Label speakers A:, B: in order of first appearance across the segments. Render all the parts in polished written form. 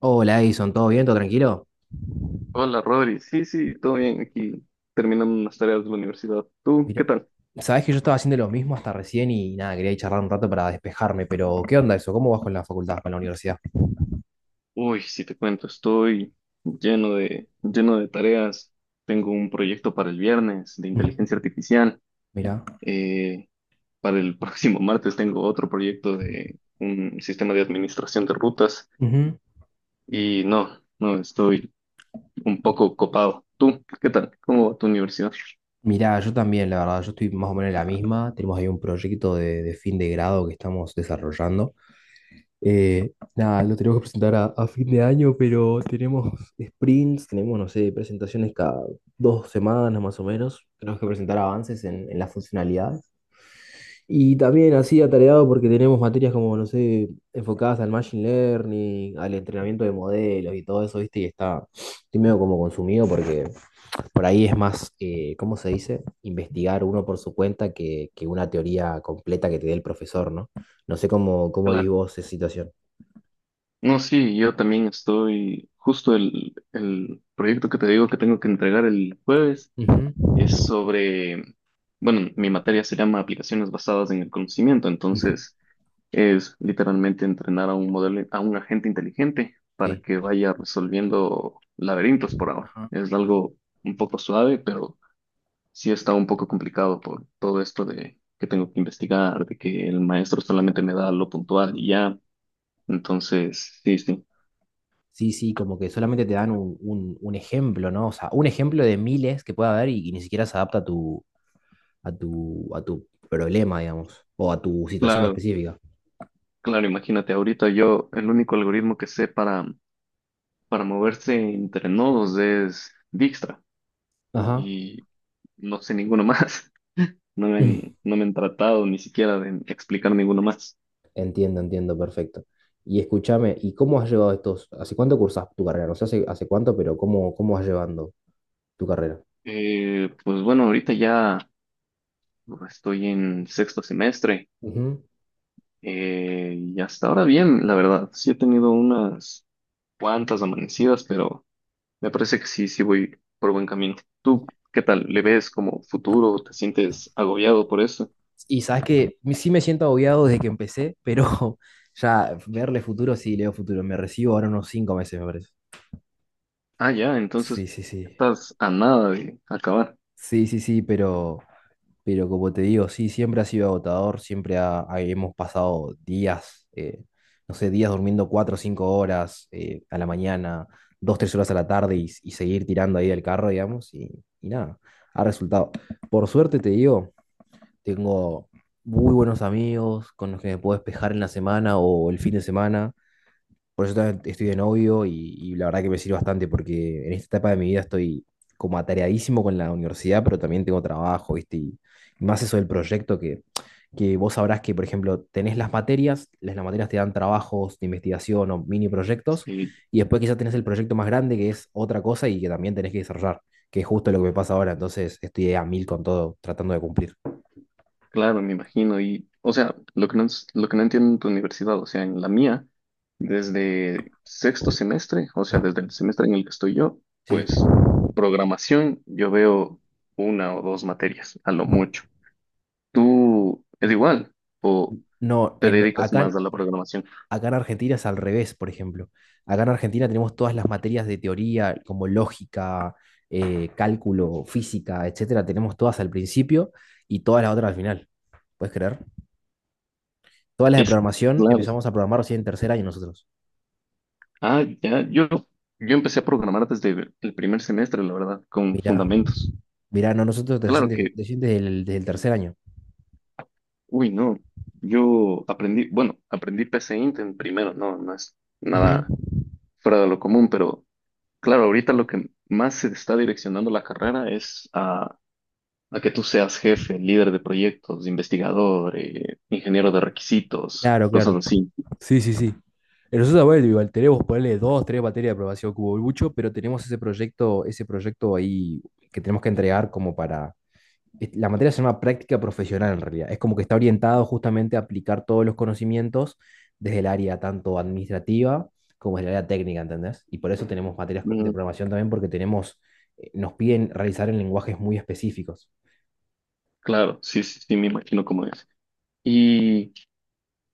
A: Hola Edison, ¿todo bien? ¿Todo tranquilo?
B: Hola, Rodri. Sí, sí, todo bien aquí, terminando unas tareas de la universidad. ¿Tú
A: Mira,
B: qué tal?
A: sabés que yo estaba haciendo lo mismo hasta recién y nada, quería ir charlar un rato para despejarme, pero ¿qué onda eso? ¿Cómo vas con la facultad, con la universidad?
B: Uy, si te cuento, estoy lleno de tareas. Tengo un proyecto para el viernes de
A: Ujú.
B: inteligencia artificial.
A: Mirá.
B: Eh, para el próximo martes tengo otro proyecto de un sistema de administración de rutas.
A: Ujú.
B: Y no, no, estoy un poco copado. ¿Tú qué tal? ¿Cómo va tu universidad?
A: Mirá, yo también, la verdad, yo estoy más o menos en la misma. Tenemos ahí un proyecto de fin de grado que estamos desarrollando. Nada, lo tenemos que presentar a fin de año, pero tenemos sprints, tenemos, no sé, presentaciones cada dos semanas más o menos. Tenemos que presentar avances en las funcionalidades. Y también así atareado porque tenemos materias como, no sé, enfocadas al machine learning, al entrenamiento de modelos y todo eso, ¿viste? Y estoy medio como consumido porque por ahí es más, ¿cómo se dice? Investigar uno por su cuenta que una teoría completa que te dé el profesor, ¿no? No sé cómo vivís vos esa situación.
B: No, sí, yo también estoy, justo el proyecto que te digo que tengo que entregar el jueves es
A: Ujú,
B: sobre, bueno, mi materia se llama aplicaciones basadas en el conocimiento,
A: ujú,
B: entonces es literalmente entrenar a un modelo, a un agente inteligente para
A: sí.
B: que vaya resolviendo laberintos por ahora.
A: Ajá.
B: Es algo un poco suave, pero sí está un poco complicado por todo esto de que tengo que investigar, de que el maestro solamente me da lo puntual y ya, entonces sí, sí.
A: Sí, sí, como que solamente te dan un, un ejemplo, ¿no? O sea, un ejemplo de miles que pueda haber y ni siquiera se adapta a tu problema, digamos, o a tu situación
B: Claro,
A: específica.
B: claro, imagínate, ahorita yo el único algoritmo que sé para moverse entre nodos es Dijkstra
A: Ajá.
B: y no sé ninguno más. No me
A: Mm.
B: han, no me han tratado ni siquiera de explicar ninguno más.
A: Entiendo, entiendo, perfecto. Y escúchame, ¿y cómo has llevado estos? ¿Hace cuánto cursas tu carrera? No sé hace, hace cuánto, pero cómo vas llevando tu carrera?
B: Pues bueno, ahorita ya estoy en sexto semestre
A: Ujú.
B: y hasta ahora bien, la verdad. Sí he tenido unas cuantas amanecidas, pero me parece que sí, sí voy por buen camino. ¿Tú qué tal? ¿Le ves como futuro? ¿Te sientes agobiado por eso?
A: Y sabes que sí me siento agobiado desde que empecé, pero ya verle futuro, sí, leo futuro. Me recibo ahora unos cinco meses, me parece.
B: Ah, ya,
A: Sí,
B: entonces
A: sí, sí.
B: estás a nada de acabar.
A: Sí, sí, sí, pero como te digo, sí, siempre ha sido agotador, siempre hemos pasado días, no sé, días durmiendo cuatro o cinco horas a la mañana, dos, tres horas a la tarde y seguir tirando ahí del carro, digamos, y nada, ha resultado. Por suerte te digo, tengo muy buenos amigos con los que me puedo despejar en la semana o el fin de semana, por eso también estoy de novio y la verdad que me sirve bastante porque en esta etapa de mi vida estoy como atareadísimo con la universidad, pero también tengo trabajo, ¿viste? Y más eso del proyecto que vos sabrás que, por ejemplo, tenés las materias, las materias te dan trabajos de investigación o mini proyectos,
B: Sí,
A: y después quizás tenés el proyecto más grande que es otra cosa y que también tenés que desarrollar, que es justo lo que me pasa ahora, entonces estoy a mil con todo, tratando de cumplir.
B: claro, me imagino. Y, o sea, lo que no entiendo en tu universidad, o sea, en la mía, desde sexto semestre, o
A: Ujú.
B: sea, desde el semestre en el que estoy yo,
A: Sí.
B: pues programación, yo veo una o dos materias, a lo
A: Ujú.
B: mucho. ¿Tú es igual o
A: No,
B: te dedicas
A: acá,
B: más a la programación?
A: acá en Argentina es al revés, por ejemplo. Acá en Argentina tenemos todas las materias de teoría, como lógica, cálculo, física, etcétera, tenemos todas al principio y todas las otras al final. ¿Puedes creer? Todas las de
B: Es
A: programación
B: claro.
A: empezamos a programar recién en tercer año nosotros.
B: Ah, ya, yo empecé a programar desde el primer semestre, la verdad, con
A: Mirá,
B: fundamentos.
A: mirá, no, nosotros recién
B: Claro que
A: recién desde el tercer año.
B: uy, no. Yo aprendí, bueno, aprendí P C Int en primero, no, no es
A: Ujú.
B: nada fuera de lo común, pero claro, ahorita lo que más se está direccionando la carrera es a que tú seas jefe, líder de proyectos, investigador, ingeniero de requisitos,
A: Claro,
B: cosas
A: claro.
B: así.
A: Sí, sí, sí. Nosotros, bueno, igual tenemos ponerle dos, tres materias de aprobación cubo mucho, pero tenemos ese proyecto ahí que tenemos que entregar como para la materia se llama práctica profesional en realidad. Es como que está orientado justamente a aplicar todos los conocimientos desde el área tanto administrativa como desde el área técnica, ¿entendés? Y por eso tenemos materias de
B: Mm,
A: programación también porque tenemos, nos piden realizar en lenguajes muy específicos.
B: claro, sí, sí, sí, me imagino cómo es. Y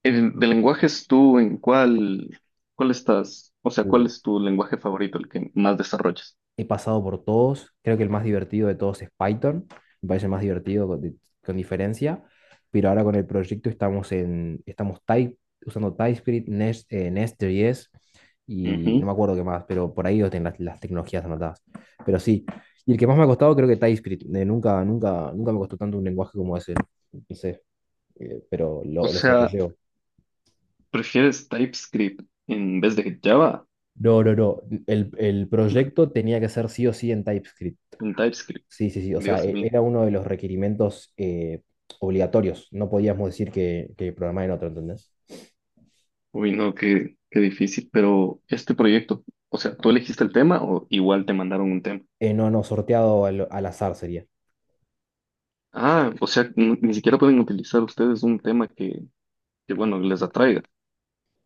B: el de lenguajes, ¿ cuál estás? O sea, ¿cuál
A: Uh,
B: es tu lenguaje favorito, el que más desarrollas?
A: He pasado por todos. Creo que el más divertido de todos es Python. Me parece el más divertido con diferencia. Pero ahora con el proyecto estamos en, estamos Type, usando TypeScript, Nest, Nest.js y no me
B: Ujú.
A: acuerdo qué más, pero por ahí lo tienen las tecnologías anotadas. Pero sí. Y el que más me ha costado creo que TypeScript. Nunca, nunca, nunca me costó tanto un lenguaje como ese. No sé, pero
B: O
A: lo
B: sea,
A: sobrellevo.
B: ¿prefieres TypeScript en vez de Java?
A: No, no, no. El proyecto tenía que ser sí o sí en TypeScript.
B: En TypeScript.
A: Sí, sí, sí. O sea,
B: Dios mío.
A: era uno de los requerimientos obligatorios. No podíamos decir que programar en otro, ¿entendés?
B: Uy, no, qué difícil. Pero este proyecto, o sea, ¿tú elegiste el tema o igual te mandaron un tema?
A: No, no, sorteado al azar sería.
B: Ah, o sea, ni siquiera pueden utilizar ustedes un tema que bueno, les atraiga.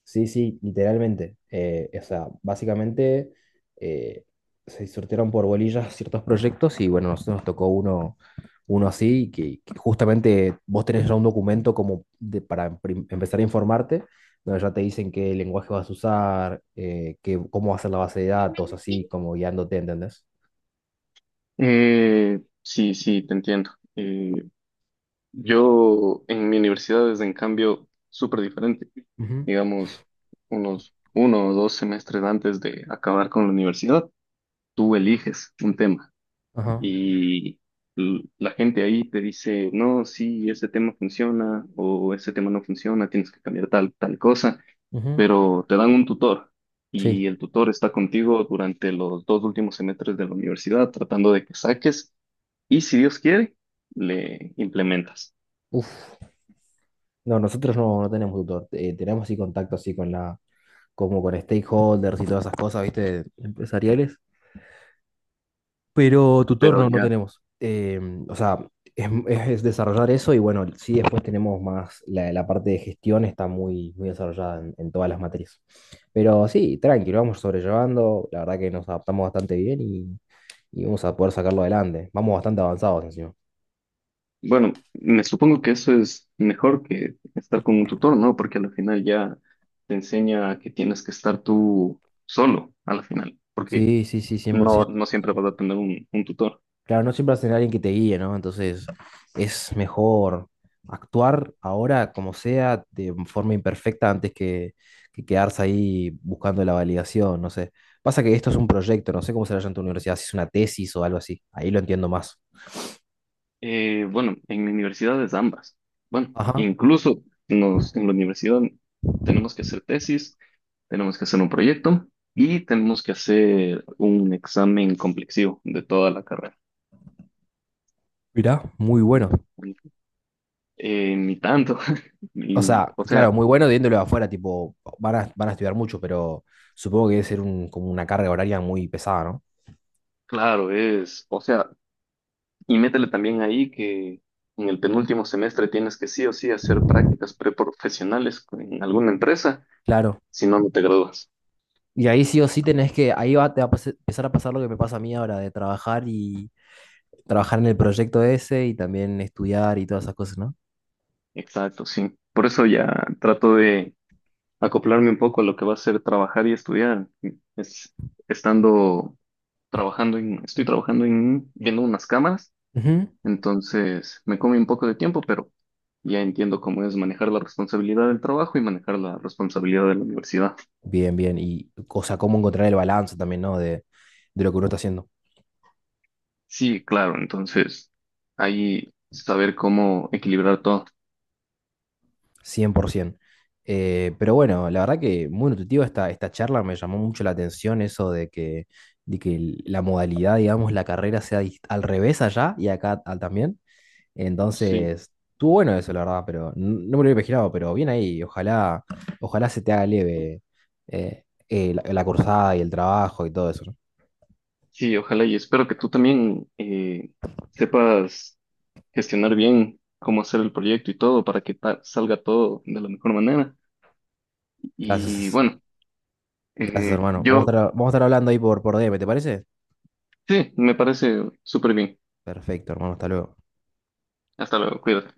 A: Sí, sí, literalmente. O sea, básicamente eh, se sortearon por bolillas ciertos proyectos y bueno, nosotros nos tocó uno, uno así, que justamente vos tenés ya un documento como para empezar a informarte, donde ya te dicen qué lenguaje vas a usar, qué, cómo va a ser la base de datos, así como guiándote, ¿entendés?
B: Sí, sí, te entiendo. Eh, yo en mi universidad es en cambio súper diferente.
A: Ujú.
B: Digamos, unos uno o dos semestres antes de acabar con la universidad, tú eliges un tema
A: Ajá.
B: y la gente ahí te dice, no, sí, ese tema funciona o ese tema no funciona, tienes que cambiar tal cosa,
A: Ujú.
B: pero te dan un tutor
A: Sí.
B: y el tutor está contigo durante los dos últimos semestres de la universidad tratando de que saques y si Dios quiere, le implementas.
A: Uf. No, nosotros no, no tenemos tutor. Tenemos sí contacto así con como con stakeholders y todas esas cosas, ¿viste? Empresariales. Pero tutor
B: Pero
A: no, no
B: ya,
A: tenemos. O sea, es, es desarrollar eso y bueno, sí después tenemos más, la parte de gestión está muy, muy desarrollada en todas las materias. Pero sí, tranquilo, vamos sobrellevando. La verdad que nos adaptamos bastante bien y vamos a poder sacarlo adelante. Vamos bastante avanzados encima.
B: bueno, me supongo que eso es mejor que estar con un tutor, ¿no? Porque al final ya te enseña que tienes que estar tú solo, al final. Porque
A: Sí, sí, sí, 100%.
B: no siempre vas a tener un tutor.
A: Claro, no siempre vas a tener alguien que te guíe, ¿no? Entonces es mejor actuar ahora como sea, de forma imperfecta, antes que quedarse ahí buscando la validación, no sé. Pasa que esto es un proyecto, no sé cómo será ya en tu universidad, si es una tesis o algo así. Ahí lo entiendo más.
B: Bueno, en universidades ambas. Bueno,
A: Ajá.
B: en la universidad tenemos que hacer tesis, tenemos que hacer un proyecto y tenemos que hacer un examen complexivo de toda la carrera.
A: Mirá, muy bueno.
B: Ni tanto.
A: O sea,
B: O sea,
A: claro, muy bueno viéndolo de afuera, tipo, van a, van a estudiar mucho, pero supongo que debe ser un, como una carga horaria muy pesada, ¿no?
B: claro, es, o sea, y métele también ahí que en el penúltimo semestre tienes que sí o sí hacer prácticas preprofesionales en alguna empresa,
A: Claro.
B: si no, no te gradúas.
A: Y ahí sí o sí tenés que, ahí va, te va a empezar a pasar lo que me pasa a mí ahora, de trabajar y trabajar en el proyecto ese y también estudiar y todas esas cosas, ¿no?
B: Exacto, sí. Por eso ya trato de acoplarme un poco a lo que va a ser trabajar y estudiar. Es, Estando estoy trabajando en viendo unas cámaras,
A: Ujú.
B: entonces me come un poco de tiempo, pero ya entiendo cómo es manejar la responsabilidad del trabajo y manejar la responsabilidad de la universidad.
A: Bien, bien. Y, o sea, cómo encontrar el balance también, ¿no? De lo que uno está haciendo,
B: Sí, claro, entonces ahí saber cómo equilibrar todo.
A: 100%. Pero bueno, la verdad que muy nutritiva esta charla, me llamó mucho la atención eso de que la modalidad, digamos, la carrera sea al revés allá y acá ah, también.
B: Sí,
A: Entonces, estuvo bueno eso, la verdad, pero no me lo había imaginado, pero bien ahí, ojalá, ojalá se te haga leve la cursada y el trabajo y todo eso, ¿no?
B: sí, ojalá y espero que tú también sepas gestionar bien cómo hacer el proyecto y todo para que salga todo de la mejor manera. Y
A: Gracias,
B: bueno,
A: gracias, hermano.
B: yo
A: Vamos a estar hablando ahí por DM, ¿te parece?
B: sí, me parece súper bien.
A: Perfecto, hermano, hasta luego.
B: Hasta luego, cuídate.